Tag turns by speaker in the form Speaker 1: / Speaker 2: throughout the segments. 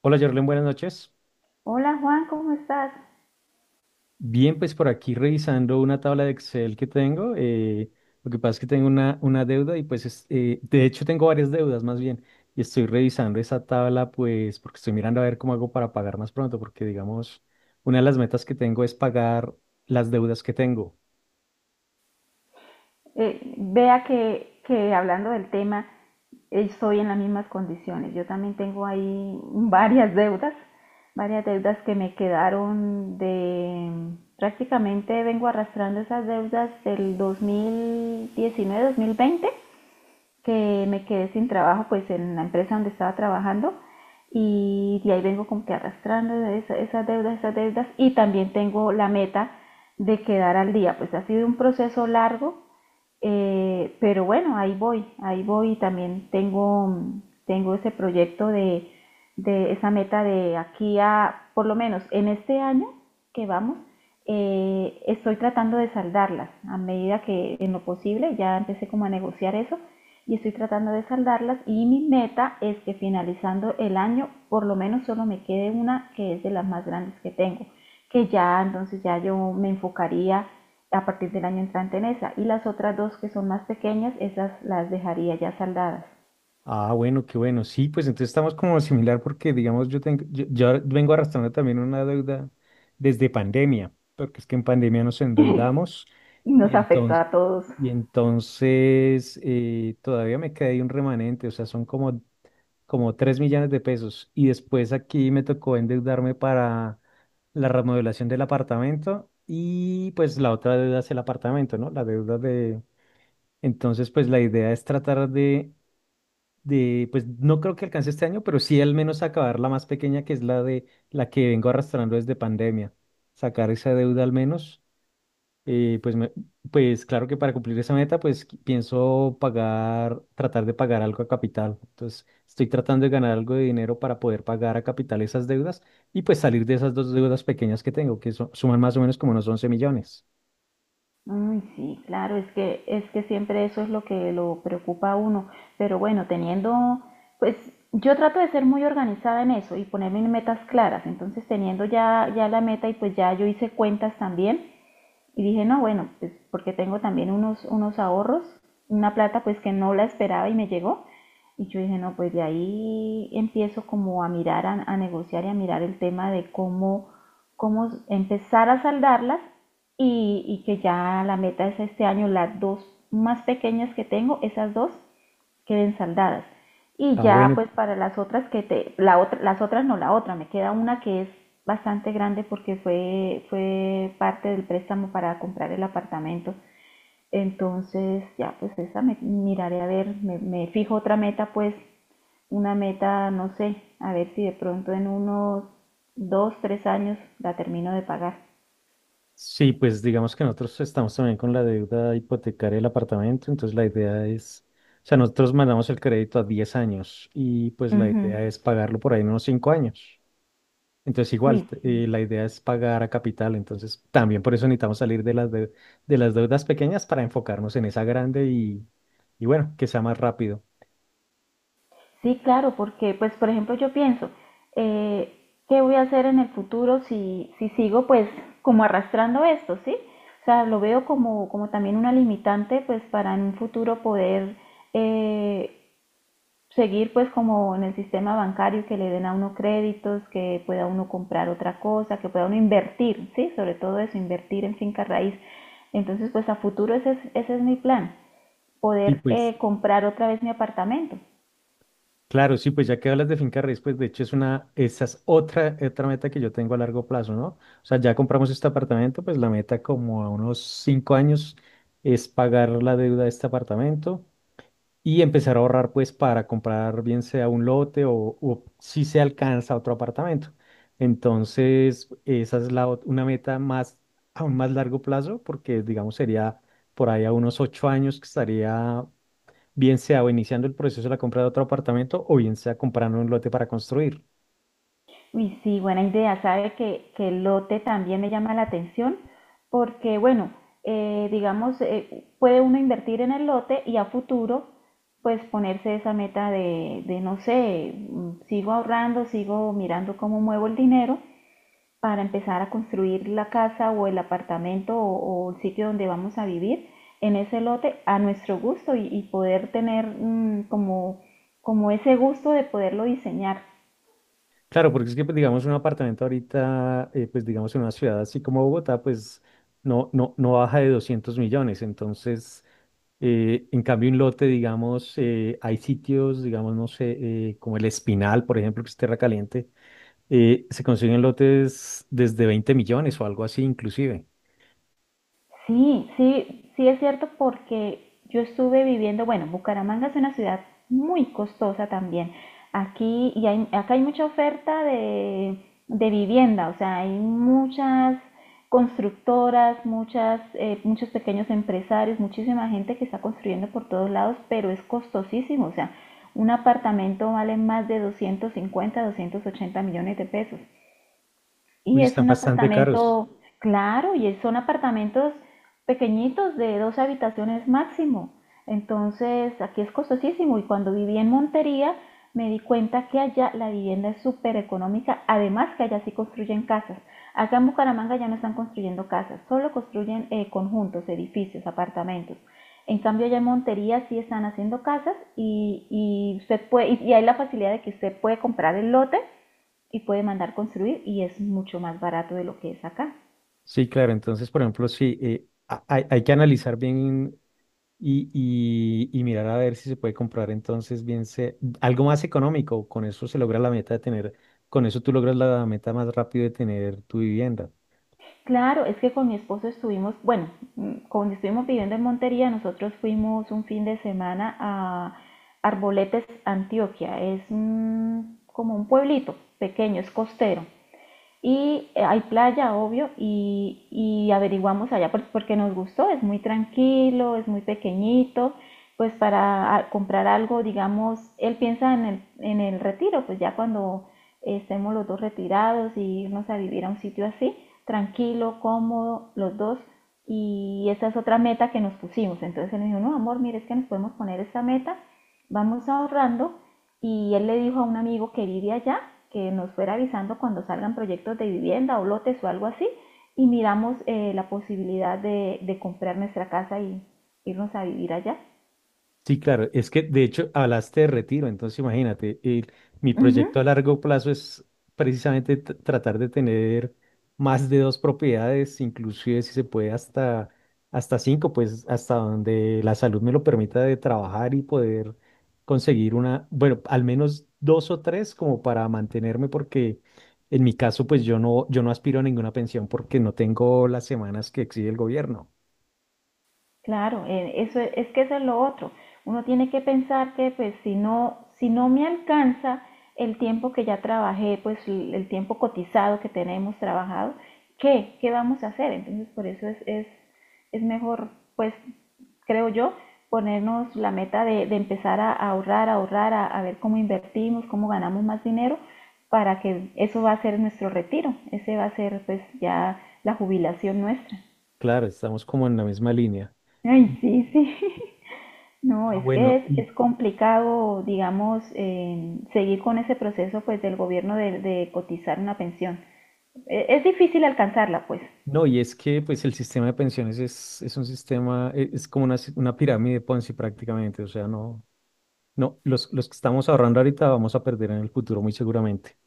Speaker 1: Hola, Jorlen, buenas noches.
Speaker 2: Hola Juan, ¿cómo estás?
Speaker 1: Bien, pues por aquí revisando una tabla de Excel que tengo. Lo que pasa es que tengo una deuda y pues, de hecho tengo varias deudas más bien. Y estoy revisando esa tabla pues porque estoy mirando a ver cómo hago para pagar más pronto porque digamos, una de las metas que tengo es pagar las deudas que tengo.
Speaker 2: Vea que hablando del tema, estoy en las mismas condiciones. Yo también tengo ahí varias deudas que me quedaron de... Prácticamente vengo arrastrando esas deudas del 2019-2020 que me quedé sin trabajo pues en la empresa donde estaba trabajando y de ahí vengo como que arrastrando esas deudas y también tengo la meta de quedar al día. Pues ha sido un proceso largo, pero bueno, ahí voy, ahí voy. También tengo, tengo ese proyecto de esa meta de aquí a, por lo menos en este año que vamos, estoy tratando de saldarlas a medida que en lo posible. Ya empecé como a negociar eso y estoy tratando de saldarlas, y mi meta es que finalizando el año por lo menos solo me quede una, que es de las más grandes que tengo, que ya entonces ya yo me enfocaría a partir del año entrante en esa. Y las otras dos que son más pequeñas, esas las dejaría ya saldadas.
Speaker 1: Ah, bueno, qué bueno. Sí, pues entonces estamos como similar porque, digamos, yo ahora vengo arrastrando también una deuda desde pandemia, porque es que en pandemia nos endeudamos.
Speaker 2: Y
Speaker 1: y
Speaker 2: nos afectó
Speaker 1: entonces,
Speaker 2: a todos.
Speaker 1: y entonces eh, todavía me quedé ahí un remanente, o sea, son como 3 millones de pesos. Y después aquí me tocó endeudarme para la remodelación del apartamento y pues la otra deuda es el apartamento, ¿no? La deuda de... Entonces, pues la idea es tratar de, pues no creo que alcance este año, pero sí al menos acabar la más pequeña, que es la de la que vengo arrastrando desde pandemia. Sacar esa deuda al menos, pues, pues claro que para cumplir esa meta, pues pienso pagar, tratar de pagar algo a capital. Entonces, estoy tratando de ganar algo de dinero para poder pagar a capital esas deudas y pues salir de esas dos deudas pequeñas que tengo, suman más o menos como unos 11 millones.
Speaker 2: Uy, sí, claro, es que siempre eso es lo que lo preocupa a uno. Pero bueno, teniendo, pues yo trato de ser muy organizada en eso y ponerme metas claras. Entonces, teniendo ya, ya la meta, y pues ya yo hice cuentas también. Y dije, no, bueno, pues porque tengo también unos ahorros, una plata pues que no la esperaba y me llegó. Y yo dije, no, pues de ahí empiezo como a mirar, a negociar y a mirar el tema de cómo, cómo empezar a saldarlas, y que ya la meta es este año, las dos más pequeñas que tengo, esas dos queden saldadas. Y
Speaker 1: Ah,
Speaker 2: ya
Speaker 1: bueno,
Speaker 2: pues para las otras la otra, las otras no, la otra, me queda una que es bastante grande porque fue parte del préstamo para comprar el apartamento. Entonces ya pues esa me miraré a ver, me fijo otra meta pues, una meta, no sé, a ver si de pronto en unos dos, tres años la termino de pagar.
Speaker 1: sí, pues digamos que nosotros estamos también con la deuda hipotecaria del apartamento, entonces la idea es, o sea, nosotros mandamos el crédito a 10 años y pues la
Speaker 2: Ujú.
Speaker 1: idea es pagarlo por ahí en unos 5 años. Entonces
Speaker 2: Uy,
Speaker 1: igual, la idea es pagar a capital, entonces también por eso necesitamos salir de las deudas pequeñas para enfocarnos en esa grande y bueno, que sea más rápido.
Speaker 2: sí, claro, porque, pues, por ejemplo, yo pienso, eh, ¿qué voy a hacer en el futuro si, si sigo, pues, como arrastrando esto, ¿sí? O sea, lo veo como, como también una limitante, pues, para en un futuro poder eh, seguir, pues, como en el sistema bancario, que le den a uno créditos, que pueda uno comprar otra cosa, que pueda uno invertir, ¿sí? Sobre todo eso, invertir en finca raíz. Entonces, pues, a futuro ese es mi plan,
Speaker 1: Sí,
Speaker 2: poder
Speaker 1: pues
Speaker 2: comprar otra vez mi apartamento.
Speaker 1: claro, sí, pues ya que hablas de finca raíz, pues de hecho esa es otra meta que yo tengo a largo plazo, ¿no? O sea, ya compramos este apartamento, pues la meta como a unos 5 años es pagar la deuda de este apartamento y empezar a ahorrar pues para comprar bien sea un lote o si se alcanza otro apartamento. Entonces, esa es una meta más, aún más largo plazo, porque digamos sería por ahí a unos 8 años que estaría bien sea o iniciando el proceso de la compra de otro apartamento o bien sea comprando un lote para construir.
Speaker 2: Uy, sí, buena idea. Sabe que el lote también me llama la atención porque, bueno, digamos, puede uno invertir en el lote y a futuro, pues ponerse esa meta de, no sé, sigo ahorrando, sigo mirando cómo muevo el dinero para empezar a construir la casa o el apartamento, o el sitio donde vamos a vivir en ese lote a nuestro gusto, y poder tener, como, como ese gusto de poderlo diseñar.
Speaker 1: Claro, porque es que, pues, digamos, un apartamento ahorita, pues, digamos, en una ciudad así como Bogotá, pues, no, no, no baja de 200 millones. Entonces, en cambio, un lote, digamos, hay sitios, digamos, no sé, como el Espinal, por ejemplo, que es tierra caliente, se consiguen lotes desde 20 millones o algo así, inclusive.
Speaker 2: Sí, sí, sí es cierto porque yo estuve viviendo, bueno, Bucaramanga es una ciudad muy costosa también. Aquí acá hay mucha oferta de vivienda, o sea, hay muchas constructoras, muchas, muchos pequeños empresarios, muchísima gente que está construyendo por todos lados, pero es costosísimo. O sea, un apartamento vale más de 250, 280 millones de pesos. Y
Speaker 1: Uy,
Speaker 2: es
Speaker 1: están
Speaker 2: un
Speaker 1: bastante caros.
Speaker 2: apartamento, claro, son apartamentos pequeñitos de dos habitaciones máximo. Entonces, aquí es costosísimo. Y cuando viví en Montería, me di cuenta que allá la vivienda es súper económica. Además, que allá sí construyen casas. Acá en Bucaramanga ya no están construyendo casas, solo construyen, conjuntos, edificios, apartamentos. En cambio, allá en Montería sí están haciendo casas, y usted puede, y hay la facilidad de que usted puede comprar el lote y puede mandar construir, y es mucho más barato de lo que es acá.
Speaker 1: Sí, claro. Entonces, por ejemplo, sí, hay que analizar bien. Y mirar a ver si se puede comprar entonces algo más económico. Con eso se logra la meta de tener, con eso tú logras la meta más rápido de tener tu vivienda.
Speaker 2: Claro, es que con mi esposo estuvimos, bueno, cuando estuvimos viviendo en Montería, nosotros fuimos un fin de semana a Arboletes, Antioquia. Es como un pueblito pequeño, es costero. Y hay playa, obvio, y averiguamos allá pues, porque nos gustó, es muy tranquilo, es muy pequeñito, pues para comprar algo. Digamos, él piensa en en el retiro, pues ya cuando estemos los dos retirados y irnos a vivir a un sitio así, tranquilo, cómodo, los dos. Y esa es otra meta que nos pusimos. Entonces él me dijo, no, amor, mire, es que nos podemos poner esta meta, vamos ahorrando. Y él le dijo a un amigo que vive allá que nos fuera avisando cuando salgan proyectos de vivienda o lotes o algo así, y miramos, la posibilidad de comprar nuestra casa y irnos a vivir allá.
Speaker 1: Sí, claro, es que de hecho hablaste de retiro, entonces imagínate, mi
Speaker 2: Ujú.
Speaker 1: proyecto a largo plazo es precisamente tratar de tener más de dos propiedades, inclusive si se puede hasta cinco, pues hasta donde la salud me lo permita de trabajar y poder conseguir una, bueno, al menos dos o tres como para mantenerme, porque en mi caso pues yo no, yo no aspiro a ninguna pensión porque no tengo las semanas que exige el gobierno.
Speaker 2: Claro, eso es que eso es lo otro. Uno tiene que pensar que pues si no, si no me alcanza el tiempo que ya trabajé, pues el tiempo cotizado que tenemos trabajado, ¿qué? ¿Qué vamos a hacer? Entonces por eso es mejor, pues creo yo, ponernos la meta de empezar a ahorrar, a ahorrar, a ver cómo invertimos, cómo ganamos más dinero, para que eso va a ser nuestro retiro, ese va a ser pues ya la jubilación nuestra.
Speaker 1: Claro, estamos como en la misma línea.
Speaker 2: Ay, sí, sí. No,
Speaker 1: Ah,
Speaker 2: es que
Speaker 1: bueno, y
Speaker 2: es complicado, digamos, seguir con ese proceso pues del gobierno de cotizar una pensión. Es difícil alcanzarla, pues.
Speaker 1: no, y es que pues el sistema de pensiones es un sistema, es como una, una pirámide Ponzi prácticamente, o sea, no, no, los que estamos ahorrando ahorita vamos a perder en el futuro muy seguramente,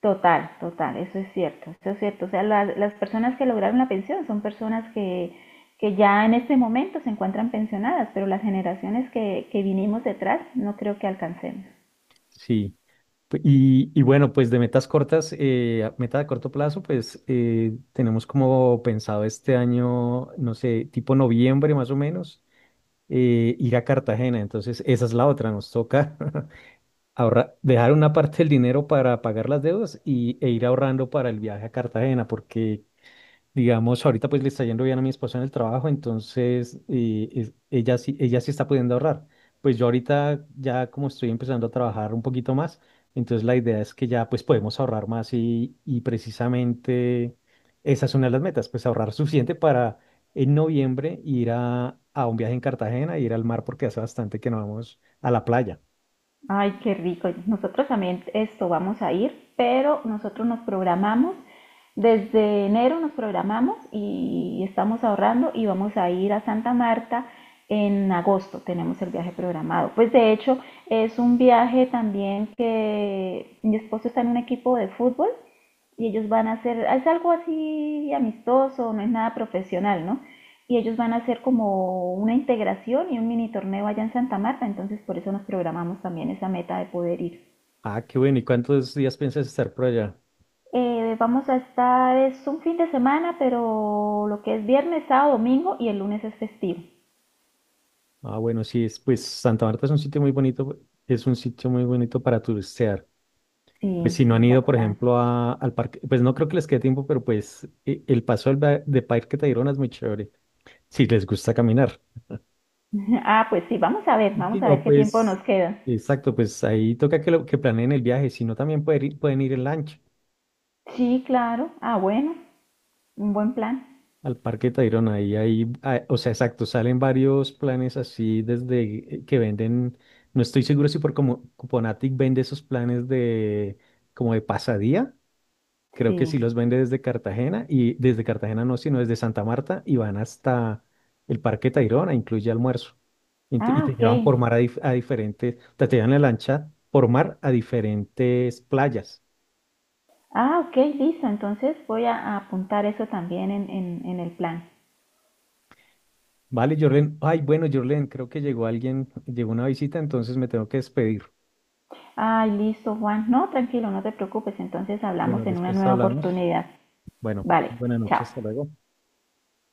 Speaker 2: Total, total, eso es cierto, eso es cierto. O sea, las personas que lograron la pensión son personas que ya en este momento se encuentran pensionadas, pero las generaciones que vinimos detrás no creo que alcancemos.
Speaker 1: sí. Y bueno, pues de metas cortas, meta de corto plazo, pues tenemos como pensado este año, no sé, tipo noviembre más o menos, ir a Cartagena, entonces esa es la otra, nos toca. Ahorrar, dejar una parte del dinero para pagar las deudas e ir ahorrando para el viaje a Cartagena, porque, digamos, ahorita pues le está yendo bien a mi esposa en el trabajo, entonces ella sí está pudiendo ahorrar. Pues yo ahorita ya como estoy empezando a trabajar un poquito más, entonces la idea es que ya pues podemos ahorrar más y precisamente esa es una de las metas, pues ahorrar suficiente para en noviembre ir a un viaje en Cartagena, ir al mar porque hace bastante que no vamos a la playa.
Speaker 2: Ay, qué rico. Nosotros también esto vamos a ir, pero nosotros nos programamos, desde enero nos programamos y estamos ahorrando, y vamos a ir a Santa Marta en agosto. Tenemos el viaje programado. Pues de hecho es un viaje también que mi esposo está en un equipo de fútbol y ellos van a hacer, es algo así amistoso, no es nada profesional, ¿no? Y ellos van a hacer como una integración y un mini torneo allá en Santa Marta, entonces por eso nos programamos también esa meta de poder ir.
Speaker 1: Ah, qué bueno. ¿Y cuántos días piensas estar por allá?
Speaker 2: Vamos a estar, es un fin de semana, pero lo que es viernes, sábado, domingo, y el lunes es festivo.
Speaker 1: Ah, bueno, sí, pues Santa Marta es un sitio muy bonito, es un sitio muy bonito para turistear. Pues
Speaker 2: Sí,
Speaker 1: si no
Speaker 2: sí,
Speaker 1: han ido, por
Speaker 2: bastante.
Speaker 1: ejemplo, al parque, pues no creo que les quede tiempo, pero pues el paso de Parque Tayrona es muy chévere, si les gusta caminar.
Speaker 2: Ah, pues sí,
Speaker 1: Y si
Speaker 2: vamos a
Speaker 1: no,
Speaker 2: ver qué tiempo
Speaker 1: pues,
Speaker 2: nos queda.
Speaker 1: exacto, pues ahí toca que planeen el viaje, si no también pueden ir en lancha.
Speaker 2: Sí, claro. Ah, bueno, un buen plan.
Speaker 1: Al Parque Tayrona, o sea, exacto, salen varios planes así desde que venden, no estoy seguro si por como Cuponatic vende esos planes de como de pasadía, creo que sí
Speaker 2: Sí.
Speaker 1: los vende desde Cartagena y desde Cartagena no, sino desde Santa Marta y van hasta el Parque Tayrona, incluye almuerzo. Y te, y
Speaker 2: Ah,
Speaker 1: te
Speaker 2: ok.
Speaker 1: llevan por mar a diferentes, te llevan en la lancha por mar a diferentes playas.
Speaker 2: Ah, ok, listo. Entonces voy a apuntar eso también en, en el plan.
Speaker 1: Vale, Jorlen, ay, bueno, Jorlen, creo que llegó alguien, llegó una visita, entonces me tengo que despedir.
Speaker 2: Ay, listo, Juan. No, tranquilo, no te preocupes. Entonces
Speaker 1: Bueno,
Speaker 2: hablamos en una
Speaker 1: después
Speaker 2: nueva
Speaker 1: hablamos.
Speaker 2: oportunidad.
Speaker 1: Bueno,
Speaker 2: Vale,
Speaker 1: buenas
Speaker 2: chao.
Speaker 1: noches, hasta luego.